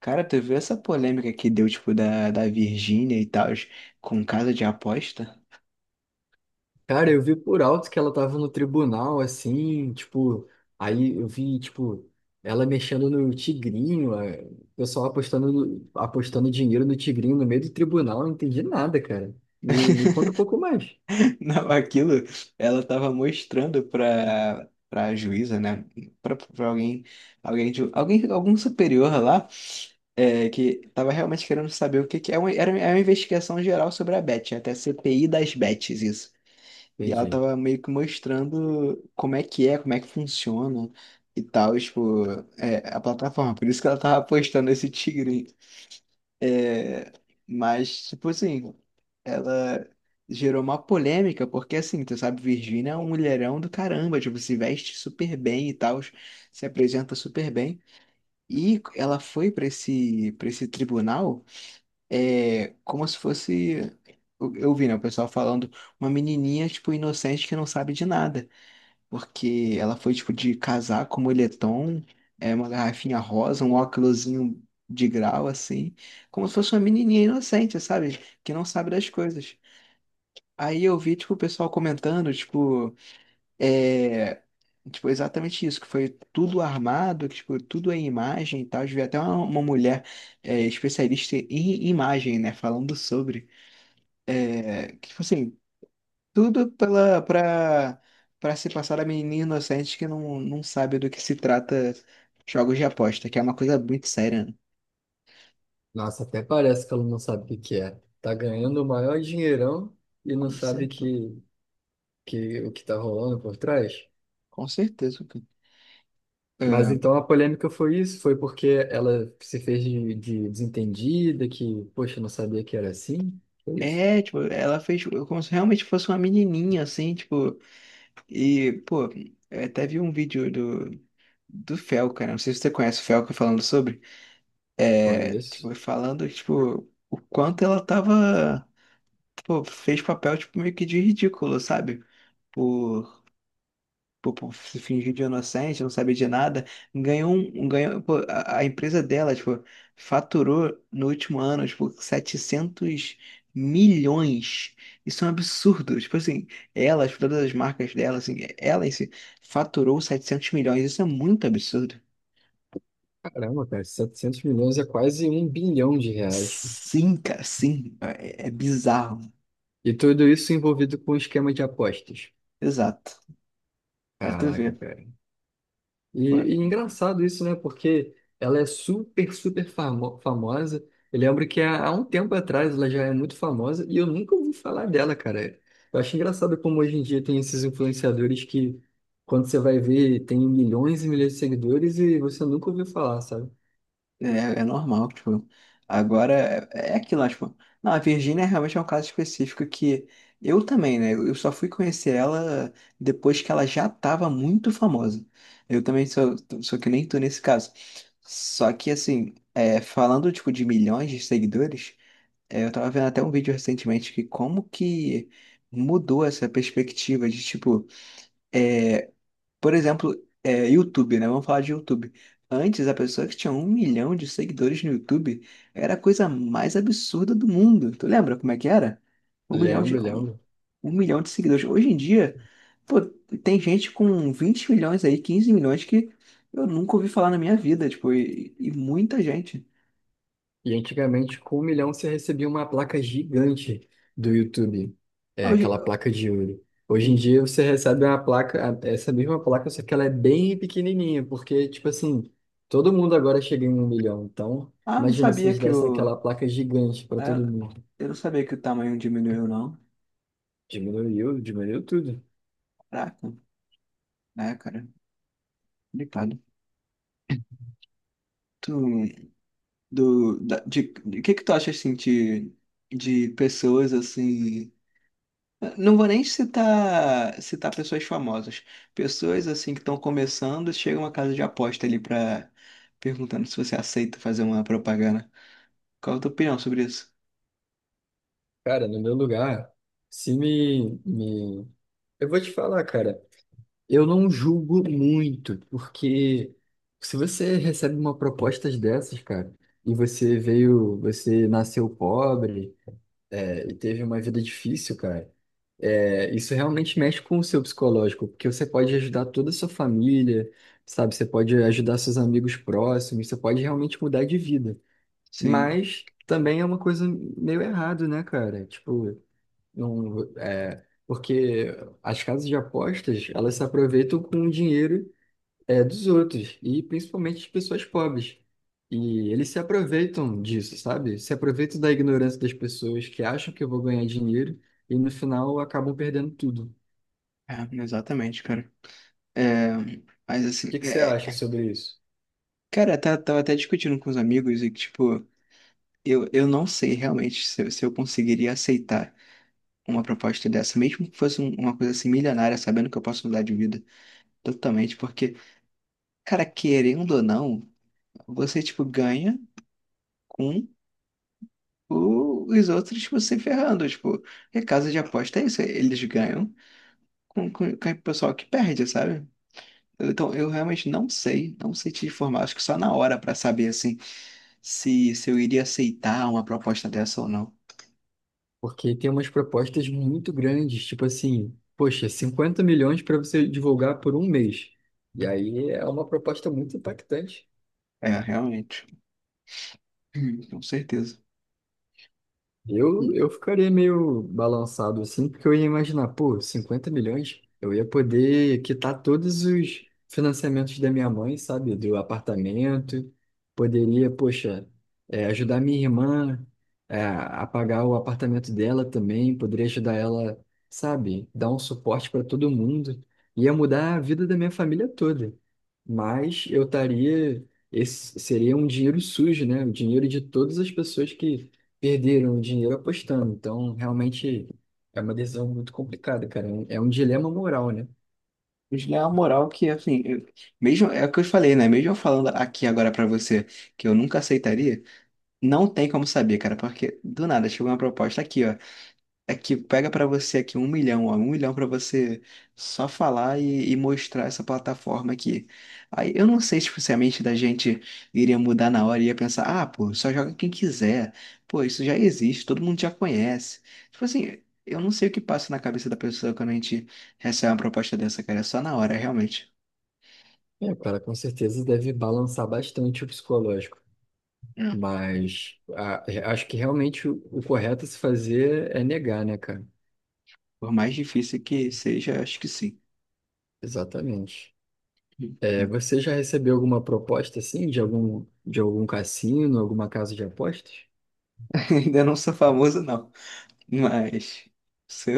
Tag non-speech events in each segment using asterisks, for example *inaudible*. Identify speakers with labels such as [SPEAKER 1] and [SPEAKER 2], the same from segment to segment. [SPEAKER 1] Cara, tu viu essa polêmica que deu, tipo, da Virgínia e tal, com casa de aposta?
[SPEAKER 2] Cara, eu vi por alto que ela tava no tribunal, assim, tipo, aí eu vi, tipo, ela mexendo no tigrinho, o pessoal apostando, apostando dinheiro no tigrinho no meio do tribunal, eu não entendi nada, cara. Me conta um pouco mais.
[SPEAKER 1] *laughs* Não, aquilo ela tava mostrando pra juíza, né? Pra alguém, alguém, algum superior lá, que tava realmente querendo saber o que que é. Era uma investigação geral sobre a Bet, é até CPI das Bets, isso. E ela
[SPEAKER 2] Entendi.
[SPEAKER 1] tava meio que mostrando como é que é, como é que funciona e tal, tipo, a plataforma. Por isso que ela tava postando esse tigre. É, mas, tipo assim, ela gerou uma polêmica, porque assim, tu sabe, Virgínia é um mulherão do caramba, tipo, se veste super bem e tal, se apresenta super bem. E ela foi pra para esse tribunal, é, como se fosse, eu vi, né, o pessoal falando, uma menininha, tipo, inocente que não sabe de nada porque ela foi tipo de casaco, moletom, é uma garrafinha rosa, um óculosinho de grau assim, como se fosse uma menininha inocente, sabe? Que não sabe das coisas. Aí eu vi tipo o pessoal comentando, tipo, é, tipo exatamente isso, que foi tudo armado, que tipo tudo é imagem e tal. Eu vi até uma mulher é, especialista em imagem, né, falando sobre, que tipo assim tudo pela para para se passar a menina inocente que não sabe do que se trata jogos de aposta, que é uma coisa muito séria, né?
[SPEAKER 2] Nossa, até parece que ela não sabe o que que é. Tá ganhando o maior dinheirão e não
[SPEAKER 1] Com
[SPEAKER 2] sabe
[SPEAKER 1] certeza.
[SPEAKER 2] que o que tá rolando por trás.
[SPEAKER 1] Com certeza, cara.
[SPEAKER 2] Mas então a polêmica foi isso, foi porque ela se fez de desentendida, que, poxa, não sabia que era assim. Foi isso?
[SPEAKER 1] É, é, tipo, ela fez tipo, como se realmente fosse uma menininha, assim, tipo, e, pô, eu até vi um vídeo do, do Fel, cara, não sei se você conhece o Fel, falando sobre, é, tipo,
[SPEAKER 2] Conheço.
[SPEAKER 1] falando, tipo, o quanto ela tava, pô, fez papel, tipo, meio que de ridículo, sabe? Por pô, pô, se fingir de inocente, não saber de nada, ganhou ganhou, pô, a empresa dela, tipo, faturou no último ano, tipo, 700 milhões. Isso é um absurdo. Tipo assim, ela, tipo, todas as marcas dela, assim, ela em si, faturou 700 milhões. Isso é muito absurdo.
[SPEAKER 2] Caramba, cara, 700 milhões é quase 1 bilhão de reais.
[SPEAKER 1] Sim, cara, sim. É, é bizarro.
[SPEAKER 2] E tudo isso envolvido com esquema de apostas.
[SPEAKER 1] Exato. Pra tu
[SPEAKER 2] Caraca,
[SPEAKER 1] ver.
[SPEAKER 2] cara. E, e engraçado isso, né? Porque ela é super famosa. Eu lembro que há um tempo atrás ela já é muito famosa e eu nunca ouvi falar dela, cara. Eu acho engraçado como hoje em dia tem esses influenciadores que, quando você vai ver, tem milhões e milhões de seguidores e você nunca ouviu falar, sabe?
[SPEAKER 1] É, é normal, tipo, agora é, é aquilo, lá, tipo, não, a Virgínia realmente é um caso específico que eu também, né, eu só fui conhecer ela depois que ela já tava muito famosa. Eu também sou, sou que nem tu nesse caso. Só que, assim, é, falando, tipo, de milhões de seguidores, é, eu tava vendo até um vídeo recentemente que como que mudou essa perspectiva de, tipo, é, por exemplo, é, YouTube, né? Vamos falar de YouTube. Antes, a pessoa que tinha um milhão de seguidores no YouTube era a coisa mais absurda do mundo. Tu lembra como é que era? Um milhão de,
[SPEAKER 2] Lembro,
[SPEAKER 1] um,
[SPEAKER 2] lembro.
[SPEAKER 1] um milhão de seguidores. Hoje em dia, pô, tem gente com 20 milhões aí, 15 milhões que eu nunca ouvi falar na minha vida, tipo, e muita gente.
[SPEAKER 2] E antigamente, com 1 milhão, você recebia uma placa gigante do YouTube,
[SPEAKER 1] Ah, Hoje,
[SPEAKER 2] aquela placa de ouro. Hoje em dia, você recebe uma placa, essa mesma placa, só que ela é bem pequenininha, porque, tipo assim, todo mundo agora chega em 1 milhão. Então,
[SPEAKER 1] não
[SPEAKER 2] imagina se
[SPEAKER 1] sabia
[SPEAKER 2] eles
[SPEAKER 1] que
[SPEAKER 2] dessem
[SPEAKER 1] o...
[SPEAKER 2] aquela placa gigante para todo
[SPEAKER 1] ah,
[SPEAKER 2] mundo.
[SPEAKER 1] Eu não sabia que o tamanho diminuiu, não.
[SPEAKER 2] Diminuiu, diminuiu tudo.
[SPEAKER 1] Caraca, né, cara? Complicado. Tu, do da, de que tu acha assim de pessoas assim não vou nem citar pessoas famosas, pessoas assim que estão começando chegam a casa de aposta ali pra perguntando se você aceita fazer uma propaganda, qual a tua opinião sobre isso?
[SPEAKER 2] Cara, no meu lugar, se me, me... Eu vou te falar, cara. Eu não julgo muito, porque se você recebe uma proposta dessas, cara, e você veio, você nasceu pobre, e teve uma vida difícil, cara, isso realmente mexe com o seu psicológico, porque você pode ajudar toda a sua família, sabe? Você pode ajudar seus amigos próximos, você pode realmente mudar de vida.
[SPEAKER 1] Sim.
[SPEAKER 2] Mas também é uma coisa meio errado, né, cara? Tipo. Não, é, porque as casas de apostas, elas se aproveitam com o dinheiro, dos outros, e principalmente de pessoas pobres. E eles se aproveitam disso, sabe? Se aproveitam da ignorância das pessoas que acham que eu vou ganhar dinheiro e no final acabam perdendo tudo. O
[SPEAKER 1] É, exatamente, cara. é, mas assim
[SPEAKER 2] que que você
[SPEAKER 1] é,
[SPEAKER 2] acha
[SPEAKER 1] é,
[SPEAKER 2] sobre isso?
[SPEAKER 1] cara tá, tava até discutindo com os amigos e que tipo eu não sei realmente se eu conseguiria aceitar uma proposta dessa, mesmo que fosse uma coisa assim milionária, sabendo que eu posso mudar de vida totalmente, porque, cara, querendo ou não, você, tipo, ganha com os outros, tipo, se ferrando, tipo, e casa de aposta é isso, eles ganham com o pessoal que perde, sabe? Então, eu realmente não sei, não sei te informar, acho que só na hora pra saber, assim, se eu iria aceitar uma proposta dessa ou não.
[SPEAKER 2] Porque tem umas propostas muito grandes, tipo assim, poxa, 50 milhões para você divulgar por um mês. E aí é uma proposta muito impactante.
[SPEAKER 1] É, realmente. Com certeza.
[SPEAKER 2] Eu ficaria meio balançado assim, porque eu ia imaginar, pô, 50 milhões, eu ia poder quitar todos os financiamentos da minha mãe, sabe? Do apartamento, poderia, poxa, ajudar minha irmã, a pagar o apartamento dela também, poderia ajudar ela, sabe? Dar um suporte para todo mundo, ia mudar a vida da minha família toda. Mas eu estaria, esse seria um dinheiro sujo, né? O dinheiro de todas as pessoas que perderam dinheiro apostando. Então, realmente é uma decisão muito complicada, cara. É um dilema moral, né?
[SPEAKER 1] Eles é uma moral que, assim, mesmo, é o que eu falei, né? Mesmo eu falando aqui agora pra você que eu nunca aceitaria, não tem como saber, cara, porque do nada chegou uma proposta aqui, ó. Aqui, pega pra você aqui um milhão, ó, um milhão pra você só falar e mostrar essa plataforma aqui. Aí eu não sei se tipo, se a mente da gente iria mudar na hora e ia pensar, ah, pô, só joga quem quiser. Pô, isso já existe, todo mundo já conhece. Tipo assim, eu não sei o que passa na cabeça da pessoa quando a gente recebe uma proposta dessa, cara. É só na hora, realmente.
[SPEAKER 2] É, o cara com certeza deve balançar bastante o psicológico.
[SPEAKER 1] É.
[SPEAKER 2] Acho que realmente o correto a se fazer é negar, né, cara?
[SPEAKER 1] Por mais difícil que seja, acho que sim.
[SPEAKER 2] Exatamente. É,
[SPEAKER 1] *laughs*
[SPEAKER 2] você já recebeu alguma proposta assim de algum cassino, alguma casa de apostas?
[SPEAKER 1] Ainda não sou famoso, não. Mas. Sou.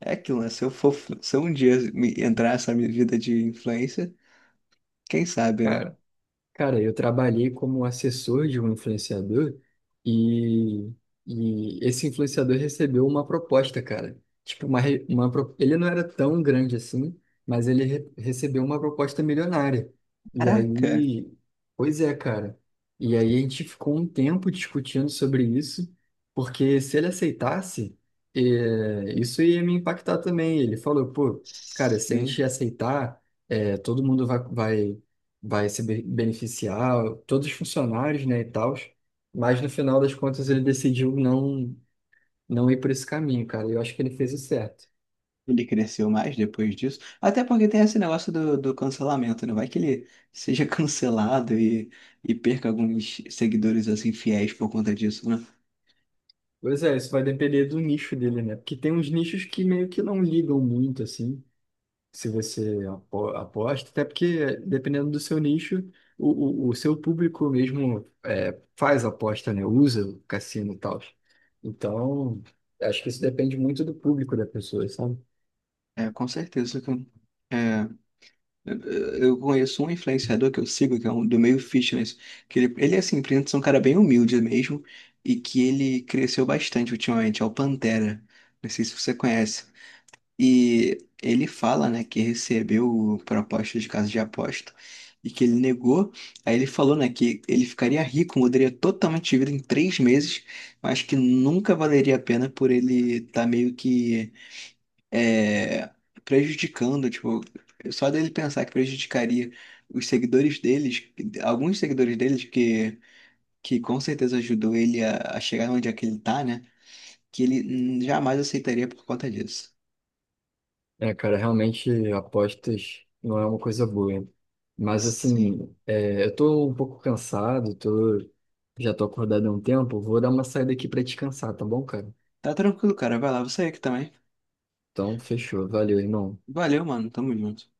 [SPEAKER 1] É aquilo, né? Se eu for, se eu um dia entrar nessa minha vida de influencer, quem sabe, né?
[SPEAKER 2] Cara, Cara, eu trabalhei como assessor de um influenciador e, e esse influenciador recebeu uma proposta, cara. Tipo, uma, re- uma, pro- ele não era tão grande assim, mas ele recebeu uma proposta milionária. E
[SPEAKER 1] Caraca!
[SPEAKER 2] aí, pois é, cara. E aí a gente ficou um tempo discutindo sobre isso, porque se ele aceitasse, isso ia me impactar também. Ele falou, pô, cara, se a
[SPEAKER 1] Sim.
[SPEAKER 2] gente aceitar, todo mundo vai se beneficiar, todos os funcionários, né, e tal. Mas no final das contas ele decidiu não ir por esse caminho, cara. Eu acho que ele fez o certo.
[SPEAKER 1] Ele cresceu mais depois disso. Até porque tem esse negócio do cancelamento, né? Vai que ele seja *laughs* cancelado e perca alguns seguidores assim fiéis por conta disso, né?
[SPEAKER 2] Pois é, isso vai depender do nicho dele, né? Porque tem uns nichos que meio que não ligam muito, assim, se você aposta, até porque dependendo do seu nicho, o seu público mesmo é, faz aposta, né? Usa o cassino e tal. Então, acho que isso depende muito do público da pessoa, sabe?
[SPEAKER 1] É, com certeza, cara. É. Eu conheço um influenciador que eu sigo, que é um do meio fitness, que ele é assim, aparenta é um cara bem humilde mesmo, e que ele cresceu bastante ultimamente, é o Pantera. Não sei se você conhece. E ele fala, né, que recebeu proposta de casa de aposta e que ele negou. Aí ele falou, né, que ele ficaria rico, mudaria totalmente de vida em 3 meses, mas que nunca valeria a pena por ele estar meio que é, prejudicando, tipo, só dele pensar que prejudicaria os seguidores deles, alguns seguidores deles que com certeza ajudou ele a chegar onde é que ele tá, né? Que ele jamais aceitaria por conta disso.
[SPEAKER 2] É, cara, realmente apostas não é uma coisa boa. Mas
[SPEAKER 1] Sim.
[SPEAKER 2] assim, é, eu tô um pouco cansado, tô, já tô acordado há um tempo, vou dar uma saída aqui pra descansar, tá bom, cara?
[SPEAKER 1] Tá tranquilo, cara. Vai lá, você é aqui também.
[SPEAKER 2] Então, fechou. Valeu, irmão.
[SPEAKER 1] Valeu, mano. Tamo junto.